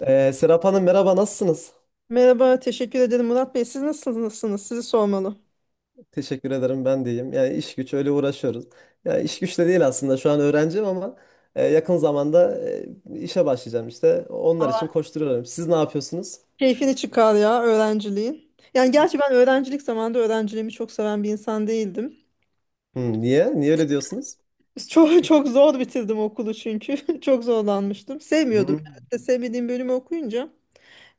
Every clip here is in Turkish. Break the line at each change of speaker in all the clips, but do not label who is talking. Serap Hanım, merhaba, nasılsınız?
Merhaba, teşekkür ederim Murat Bey. Siz nasılsınız? Sizi sormalı.
Teşekkür ederim, ben de iyiyim. Yani iş güç öyle uğraşıyoruz. Yani iş güç de değil, aslında şu an öğrenciyim ama yakın zamanda işe başlayacağım işte. Onlar için koşturuyorum. Siz ne yapıyorsunuz?
Keyfini çıkar ya öğrenciliğin. Yani gerçi ben öğrencilik zamanında öğrenciliğimi çok seven bir insan değildim.
Niye? Niye öyle diyorsunuz?
Çok çok zor bitirdim okulu çünkü. Çok zorlanmıştım. Sevmiyordum. Yani.
Hmm,
işte sevmediğim bölümü okuyunca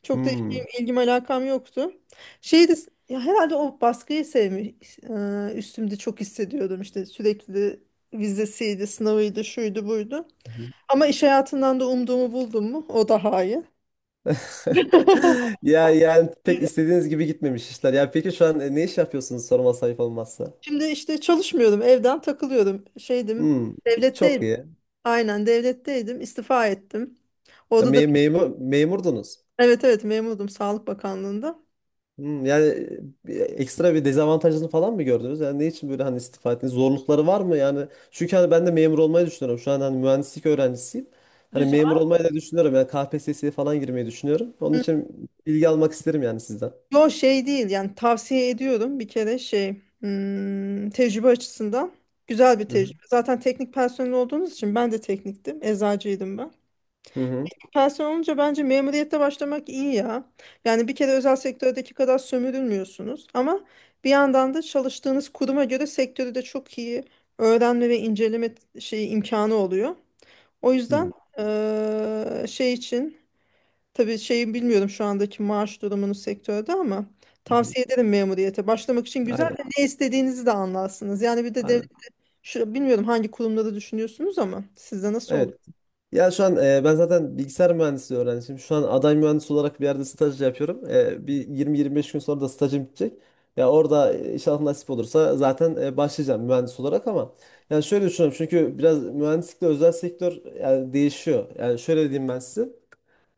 çok da
hmm.
işim, ilgim alakam yoktu. Şeydi ya herhalde o baskıyı sevmiş. Üstümde çok hissediyordum. İşte sürekli vizesiydi, sınavıydı, şuydu, buydu.
Hmm.
Ama iş hayatından da umduğumu buldum mu? O daha iyi.
Ya yani pek istediğiniz gibi gitmemiş işler. Ya peki şu an ne iş yapıyorsunuz, sorma sayıp olmazsa?
Şimdi işte çalışmıyordum, evden takılıyordum. Şeydim,
Hmm, çok
devletteydim.
iyi.
Aynen devletteydim, istifa ettim.
Ya,
Orada da
memurdunuz.
evet evet memurdum Sağlık Bakanlığı'nda.
Yani ekstra bir dezavantajını falan mı gördünüz? Yani ne için böyle hani istifa ettiniz? Zorlukları var mı? Yani çünkü hani ben de memur olmayı düşünüyorum. Şu an hani mühendislik öğrencisiyim. Hani
Güzel.
memur olmayı da düşünüyorum. Yani KPSS'ye falan girmeyi düşünüyorum. Onun
Hmm.
için bilgi almak isterim yani sizden.
Yo şey değil yani tavsiye ediyorum bir kere şey. Hmm, tecrübe açısından güzel bir
Hı hı.
tecrübe. Zaten teknik personel olduğunuz için ben de tekniktim, eczacıydım ben.
Hı hı.
Tersen olunca bence memuriyette başlamak iyi ya. Yani bir kere özel sektördeki kadar sömürülmüyorsunuz ama bir yandan da çalıştığınız kuruma göre sektörü de çok iyi öğrenme ve inceleme şeyi imkanı oluyor. O yüzden
Hı
şey için tabii şeyi bilmiyorum şu andaki maaş durumunu sektörde ama
hı.
tavsiye ederim memuriyete. Başlamak için güzel
Aynen.
de ne istediğinizi de anlarsınız. Yani bir de
Aynen.
şu, bilmiyorum hangi kurumları düşünüyorsunuz ama sizde nasıl.
Evet. Ya şu an ben zaten bilgisayar mühendisliği öğrencisiyim. Şu an aday mühendis olarak bir yerde staj yapıyorum. Bir 20-25 gün sonra da stajım bitecek. Ya orada inşallah nasip olursa zaten başlayacağım mühendis olarak, ama yani şöyle düşünüyorum, çünkü biraz mühendislikle özel sektör yani değişiyor. Yani şöyle diyeyim ben size.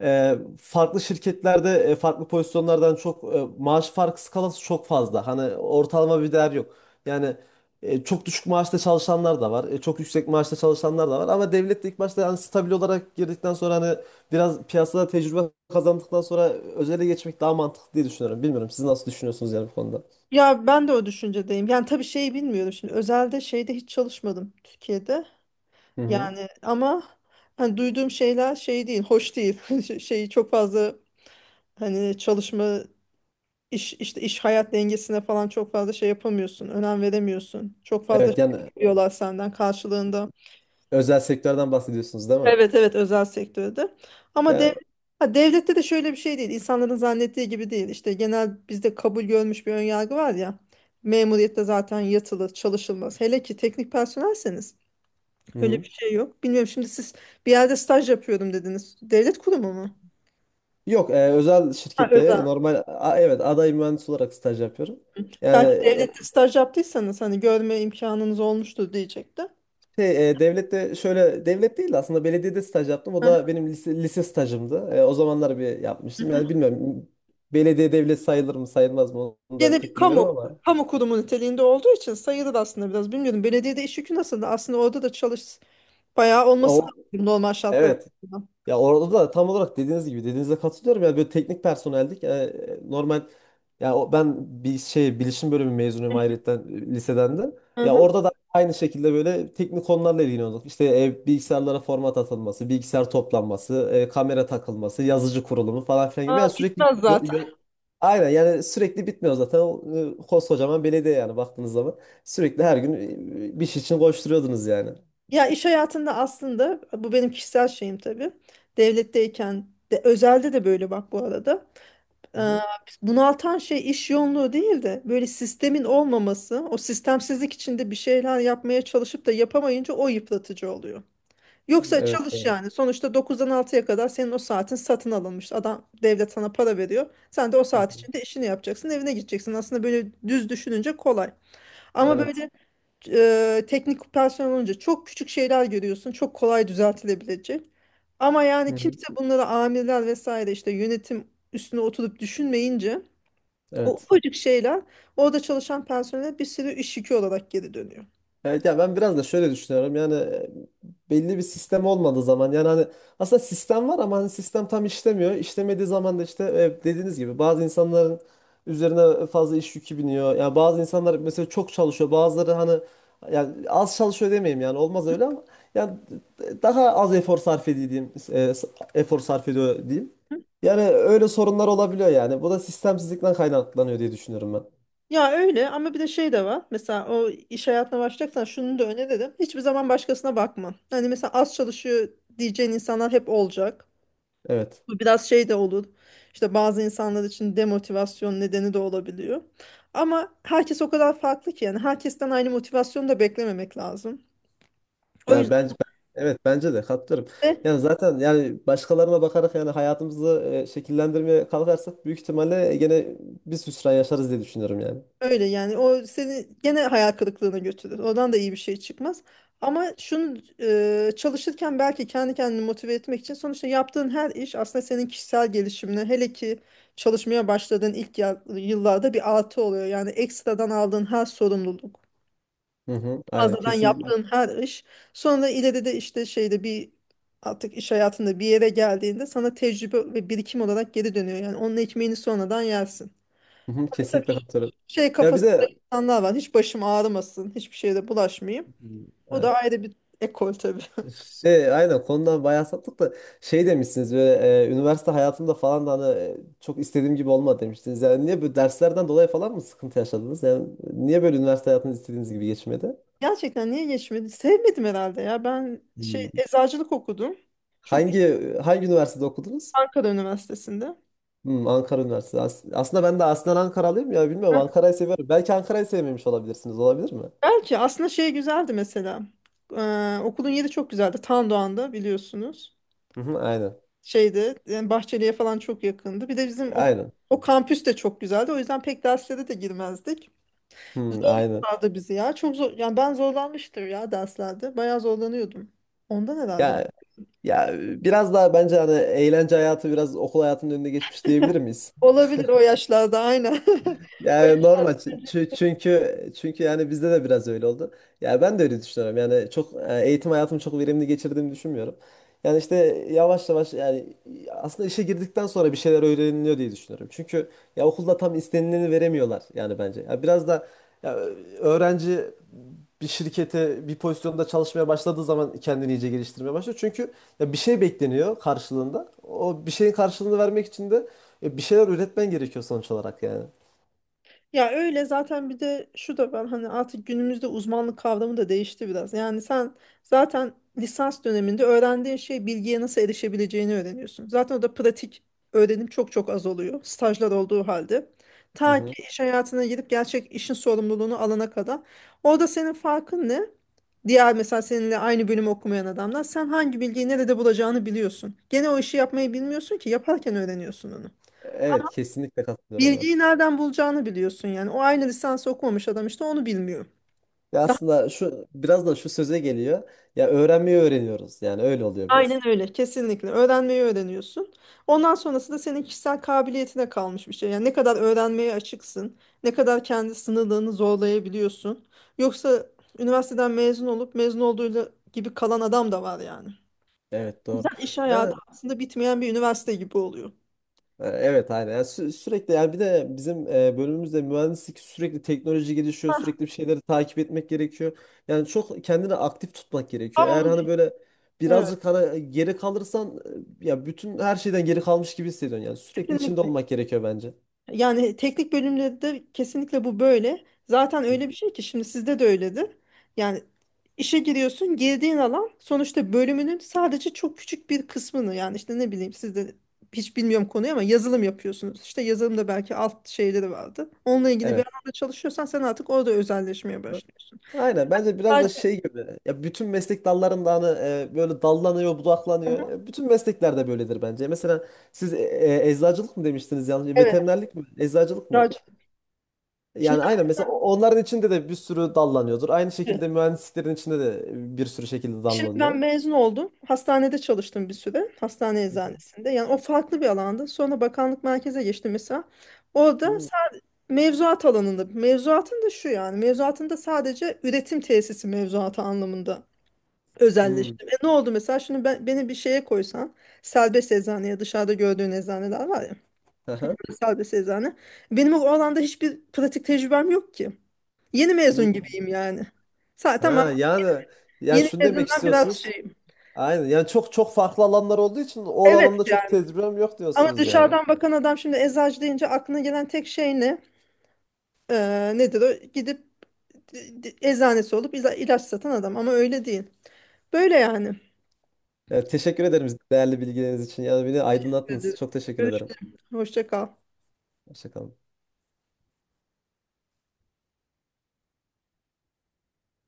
Farklı şirketlerde farklı pozisyonlardan çok maaş farkı skalası çok fazla. Hani ortalama bir değer yok. Yani çok düşük maaşta çalışanlar da var. Çok yüksek maaşta çalışanlar da var. Ama devlet de ilk başta yani stabil olarak girdikten sonra hani biraz piyasada tecrübe kazandıktan sonra özele geçmek daha mantıklı diye düşünüyorum. Bilmiyorum, siz nasıl düşünüyorsunuz yani bu konuda?
Ya ben de o düşüncedeyim. Yani tabii şeyi bilmiyorum şimdi. Özelde şeyde hiç çalışmadım Türkiye'de.
Hı hı.
Yani ama hani duyduğum şeyler şey değil, hoş değil. Şeyi çok fazla hani çalışma iş hayat dengesine falan çok fazla şey yapamıyorsun. Önem veremiyorsun. Çok fazla
Evet
şey
yani
bekliyorlar senden karşılığında.
özel sektörden bahsediyorsunuz, değil mi?
Evet evet özel sektörde. Ama dev,
Ya
ha, devlette de şöyle bir şey değil. İnsanların zannettiği gibi değil. İşte genel bizde kabul görmüş bir önyargı var ya. Memuriyette zaten yatılır, çalışılmaz. Hele ki teknik personelseniz
hı
öyle
hı.
bir şey yok. Bilmiyorum şimdi siz bir yerde staj yapıyorum dediniz. Devlet kurumu mu?
Yok, özel
Ha,
şirkette
özel.
normal evet, aday mühendis olarak staj yapıyorum. Yani
Belki devlette staj yaptıysanız hani görme imkanınız olmuştur diyecektim.
şey, devlette, şöyle devlet değil de aslında belediyede staj yaptım. O
Hı
da benim lise stajımdı. O zamanlar bir yapmıştım.
hı.
Yani bilmiyorum, belediye devlet sayılır mı sayılmaz mı onu da
Gene bir
pek bilmiyorum, ama
kamu kurumu niteliğinde olduğu için sayılır aslında biraz. Bilmiyorum belediyede iş yükü nasıl? Aslında orada da bayağı olması
o
lazım normal şartlar
evet.
altında.
Ya orada da tam olarak dediğiniz gibi, dediğinize katılıyorum. Yani böyle teknik personeldik. Yani normal ya ben bir şey bilişim bölümü mezunuyum ayrıca liseden de.
Hı
Ya
hı.
orada da aynı şekilde böyle teknik konularla ilgileniyorduk. İşte bilgisayarlara format atılması, bilgisayar toplanması, kamera takılması, yazıcı kurulumu falan filan gibi.
Aa,
Yani sürekli
bitmez
yo-
zaten.
yo- Aynen, yani sürekli bitmiyor zaten. Koskocaman belediye yani baktığınız zaman. Sürekli her gün bir şey için koşturuyordunuz yani.
Ya iş hayatında aslında bu benim kişisel şeyim tabii. Devletteyken de özelde de böyle bak bu arada.
Hı
Ee,
hı.
bunaltan şey iş yoğunluğu değil de böyle sistemin olmaması, o sistemsizlik içinde bir şeyler yapmaya çalışıp da yapamayınca o yıpratıcı oluyor. Yoksa
Evet
çalış
doğru.
yani. Sonuçta 9'dan 6'ya kadar senin o saatin satın alınmış. Adam devlet sana para veriyor. Sen de o
Hı
saat
hı.
içinde işini yapacaksın, evine gideceksin. Aslında böyle düz düşününce kolay. Ama
Evet.
böyle teknik personel olunca çok küçük şeyler görüyorsun. Çok kolay düzeltilebilecek. Ama yani kimse bunları amirler vesaire işte yönetim üstüne oturup düşünmeyince o
Evet.
ufacık şeyler orada çalışan personele bir sürü iş yükü olarak geri dönüyor.
Evet ya, ben biraz da şöyle düşünüyorum. Yani belli bir sistem olmadığı zaman yani hani aslında sistem var ama hani sistem tam işlemiyor. İşlemediği zaman da işte dediğiniz gibi bazı insanların üzerine fazla iş yükü biniyor. Yani bazı insanlar mesela çok çalışıyor. Bazıları hani yani az çalışıyor demeyeyim, yani olmaz öyle ama yani daha az efor sarf ediyor diyeyim. Efor sarf ediyor diyeyim. Yani öyle sorunlar olabiliyor yani. Bu da sistemsizlikten kaynaklanıyor diye düşünüyorum ben.
Ya öyle ama bir de şey de var. Mesela o iş hayatına başlayacaksan şunu da öneririm. Hiçbir zaman başkasına bakma. Hani mesela az çalışıyor diyeceğin insanlar hep olacak.
Evet.
Bu biraz şey de olur. İşte bazı insanlar için demotivasyon nedeni de olabiliyor. Ama herkes o kadar farklı ki yani herkesten aynı motivasyonu da beklememek lazım. O
Ya
yüzden
bence evet, bence de katılırım.
de
Yani zaten yani başkalarına bakarak yani hayatımızı şekillendirmeye kalkarsak, büyük ihtimalle gene biz hüsran yaşarız diye düşünüyorum yani.
öyle yani o seni gene hayal kırıklığına götürür. Oradan da iyi bir şey çıkmaz. Ama şunu çalışırken belki kendi kendini motive etmek için sonuçta yaptığın her iş aslında senin kişisel gelişimine hele ki çalışmaya başladığın yıllarda bir artı oluyor. Yani ekstradan aldığın her sorumluluk,
Hı hı, aynen,
fazladan
kesinlikle.
yaptığın her iş sonra ileride de işte şeyde bir artık iş hayatında bir yere geldiğinde sana tecrübe ve birikim olarak geri dönüyor. Yani onun ekmeğini sonradan yersin.
Hı hı, kesinlikle katılırım.
Şey
Ya bir
kafasında
de
insanlar var. Hiç başım ağrımasın. Hiçbir şeyde bulaşmayayım. O da
evet.
ayrı bir ekol tabii.
Şey aynen, konudan bayağı saptık da şey demişsiniz böyle üniversite hayatımda falan da hani çok istediğim gibi olmadı demiştiniz. Yani niye böyle, derslerden dolayı falan mı sıkıntı yaşadınız? Yani niye böyle üniversite hayatınız istediğiniz gibi geçmedi?
Gerçekten niye geçmedi? Sevmedim herhalde ya. Ben şey
Hmm.
eczacılık okudum. Çok.
Hangi hangi üniversitede okudunuz?
Ankara Üniversitesi'nde.
Ankara Üniversitesi. Aslında ben de aslen Ankaralıyım, ya bilmiyorum,
Heh.
Ankara'yı seviyorum. Belki Ankara'yı sevmemiş olabilirsiniz. Olabilir mi?
Belki aslında şey güzeldi mesela. Okulun yeri çok güzeldi. Tandoğan'da biliyorsunuz.
Hı hı, aynen.
Şeyde yani Bahçeli'ye falan çok yakındı. Bir de bizim
Aynen.
o kampüs de çok güzeldi. O yüzden pek derslere de girmezdik.
Hmm, aynen.
Zorluyorlardı bizi ya. Çok zor. Yani ben zorlanmıştır ya derslerde. Bayağı zorlanıyordum. Ondan herhalde.
Ya ya biraz daha bence hani eğlence hayatı biraz okul hayatının önüne geçmiş diyebilir miyiz?
Olabilir o yaşlarda aynen. O.
Yani normal çünkü yani bizde de biraz öyle oldu. Ya ben de öyle düşünüyorum. Yani çok eğitim hayatımı çok verimli geçirdiğimi düşünmüyorum. Yani işte yavaş yavaş yani aslında işe girdikten sonra bir şeyler öğreniliyor diye düşünüyorum. Çünkü ya okulda tam istenileni veremiyorlar yani bence. Ya biraz da ya öğrenci bir şirkete bir pozisyonda çalışmaya başladığı zaman kendini iyice geliştirmeye başlıyor. Çünkü ya bir şey bekleniyor karşılığında. O bir şeyin karşılığını vermek için de bir şeyler üretmen gerekiyor sonuç olarak yani.
Ya öyle zaten bir de şu da ben hani artık günümüzde uzmanlık kavramı da değişti biraz. Yani sen zaten lisans döneminde öğrendiğin şey bilgiye nasıl erişebileceğini öğreniyorsun. Zaten o da pratik öğrenim çok çok az oluyor stajlar olduğu halde.
Hı
Ta
hı.
ki iş hayatına girip gerçek işin sorumluluğunu alana kadar. Orada senin farkın ne? Diğer mesela seninle aynı bölümü okumayan adamlar sen hangi bilgiyi nerede bulacağını biliyorsun. Gene o işi yapmayı bilmiyorsun ki yaparken öğreniyorsun onu.
Evet kesinlikle katılıyorum,
Bilgiyi
evet.
nereden bulacağını biliyorsun yani. O aynı lisans okumamış adam işte onu bilmiyor.
Ya
Daha-
aslında şu biraz da şu söze geliyor. Ya öğrenmeyi öğreniyoruz. Yani öyle oluyor biraz.
Aynen öyle. Kesinlikle. Öğrenmeyi öğreniyorsun. Ondan sonrası da senin kişisel kabiliyetine kalmış bir şey. Yani ne kadar öğrenmeye açıksın, ne kadar kendi sınırlarını zorlayabiliyorsun. Yoksa üniversiteden mezun olup mezun olduğuyla gibi kalan adam da var yani.
Evet
Güzel
doğru.
iş hayatı
Ya
aslında bitmeyen bir üniversite gibi oluyor.
evet aynen. Yani sürekli yani bir de bizim bölümümüzde mühendislik sürekli teknoloji gelişiyor. Sürekli bir şeyleri takip etmek gerekiyor. Yani çok kendini aktif tutmak gerekiyor.
Tam
Eğer
onu.
hani böyle
Evet.
birazcık hani geri kalırsan ya bütün her şeyden geri kalmış gibi hissediyorsun. Yani sürekli içinde
Kesinlikle.
olmak gerekiyor bence.
Yani teknik bölümde de kesinlikle bu böyle. Zaten öyle bir şey ki şimdi sizde de öyledir. Yani işe giriyorsun, girdiğin alan sonuçta bölümünün sadece çok küçük bir kısmını yani işte ne bileyim sizde hiç bilmiyorum konuyu ama yazılım yapıyorsunuz. İşte yazılımda belki alt şeyleri vardı. Onunla ilgili bir
Evet.
alanda çalışıyorsan sen artık orada özelleşmeye başlıyorsun.
Aynen, bence biraz da
Sadece-
şey gibi, ya bütün meslek dallarında hani böyle dallanıyor budaklanıyor. Ya bütün mesleklerde böyledir bence. Mesela siz eczacılık mı demiştiniz, yanlış?
Evet.
Veterinerlik mi? Eczacılık mı?
Sadece- Şimdi
Yani aynen mesela onların içinde de bir sürü dallanıyordur. Aynı şekilde mühendisliklerin içinde de bir sürü şekilde
Şimdi ben
dallanıyor.
mezun oldum. Hastanede çalıştım bir süre. Hastane
Hı hı.
eczanesinde. Yani o farklı bir alandı. Sonra bakanlık merkeze geçtim mesela. Orada
Hmm.
sadece mevzuat alanında. Mevzuatın da şu yani. Mevzuatın da sadece üretim tesisi mevzuatı anlamında
Hmm.
özelleştim. E ne oldu mesela? Şimdi ben, beni bir şeye koysan serbest eczaneye dışarıda gördüğün eczaneler var ya.
Aha.
Serbest eczane. Benim o alanda hiçbir pratik tecrübem yok ki. Yeni mezun
Hmm.
gibiyim yani. Tamam.
Ha, yani
Yeni
şunu demek
mezundan biraz
istiyorsunuz.
şeyim.
Aynen. Yani çok çok farklı alanlar olduğu için o
Evet.
alanda çok tecrübem yok
Ama
diyorsunuz yani.
dışarıdan bakan adam şimdi eczacı deyince aklına gelen tek şey ne? Nedir o? Gidip eczanesi olup ilaç satan adam ama öyle değil. Böyle yani.
Ya, teşekkür ederim değerli bilgileriniz için. Ya beni aydınlattınız. Çok teşekkür
Görüş-
ederim.
Hoşça kal.
Hoşça kalın.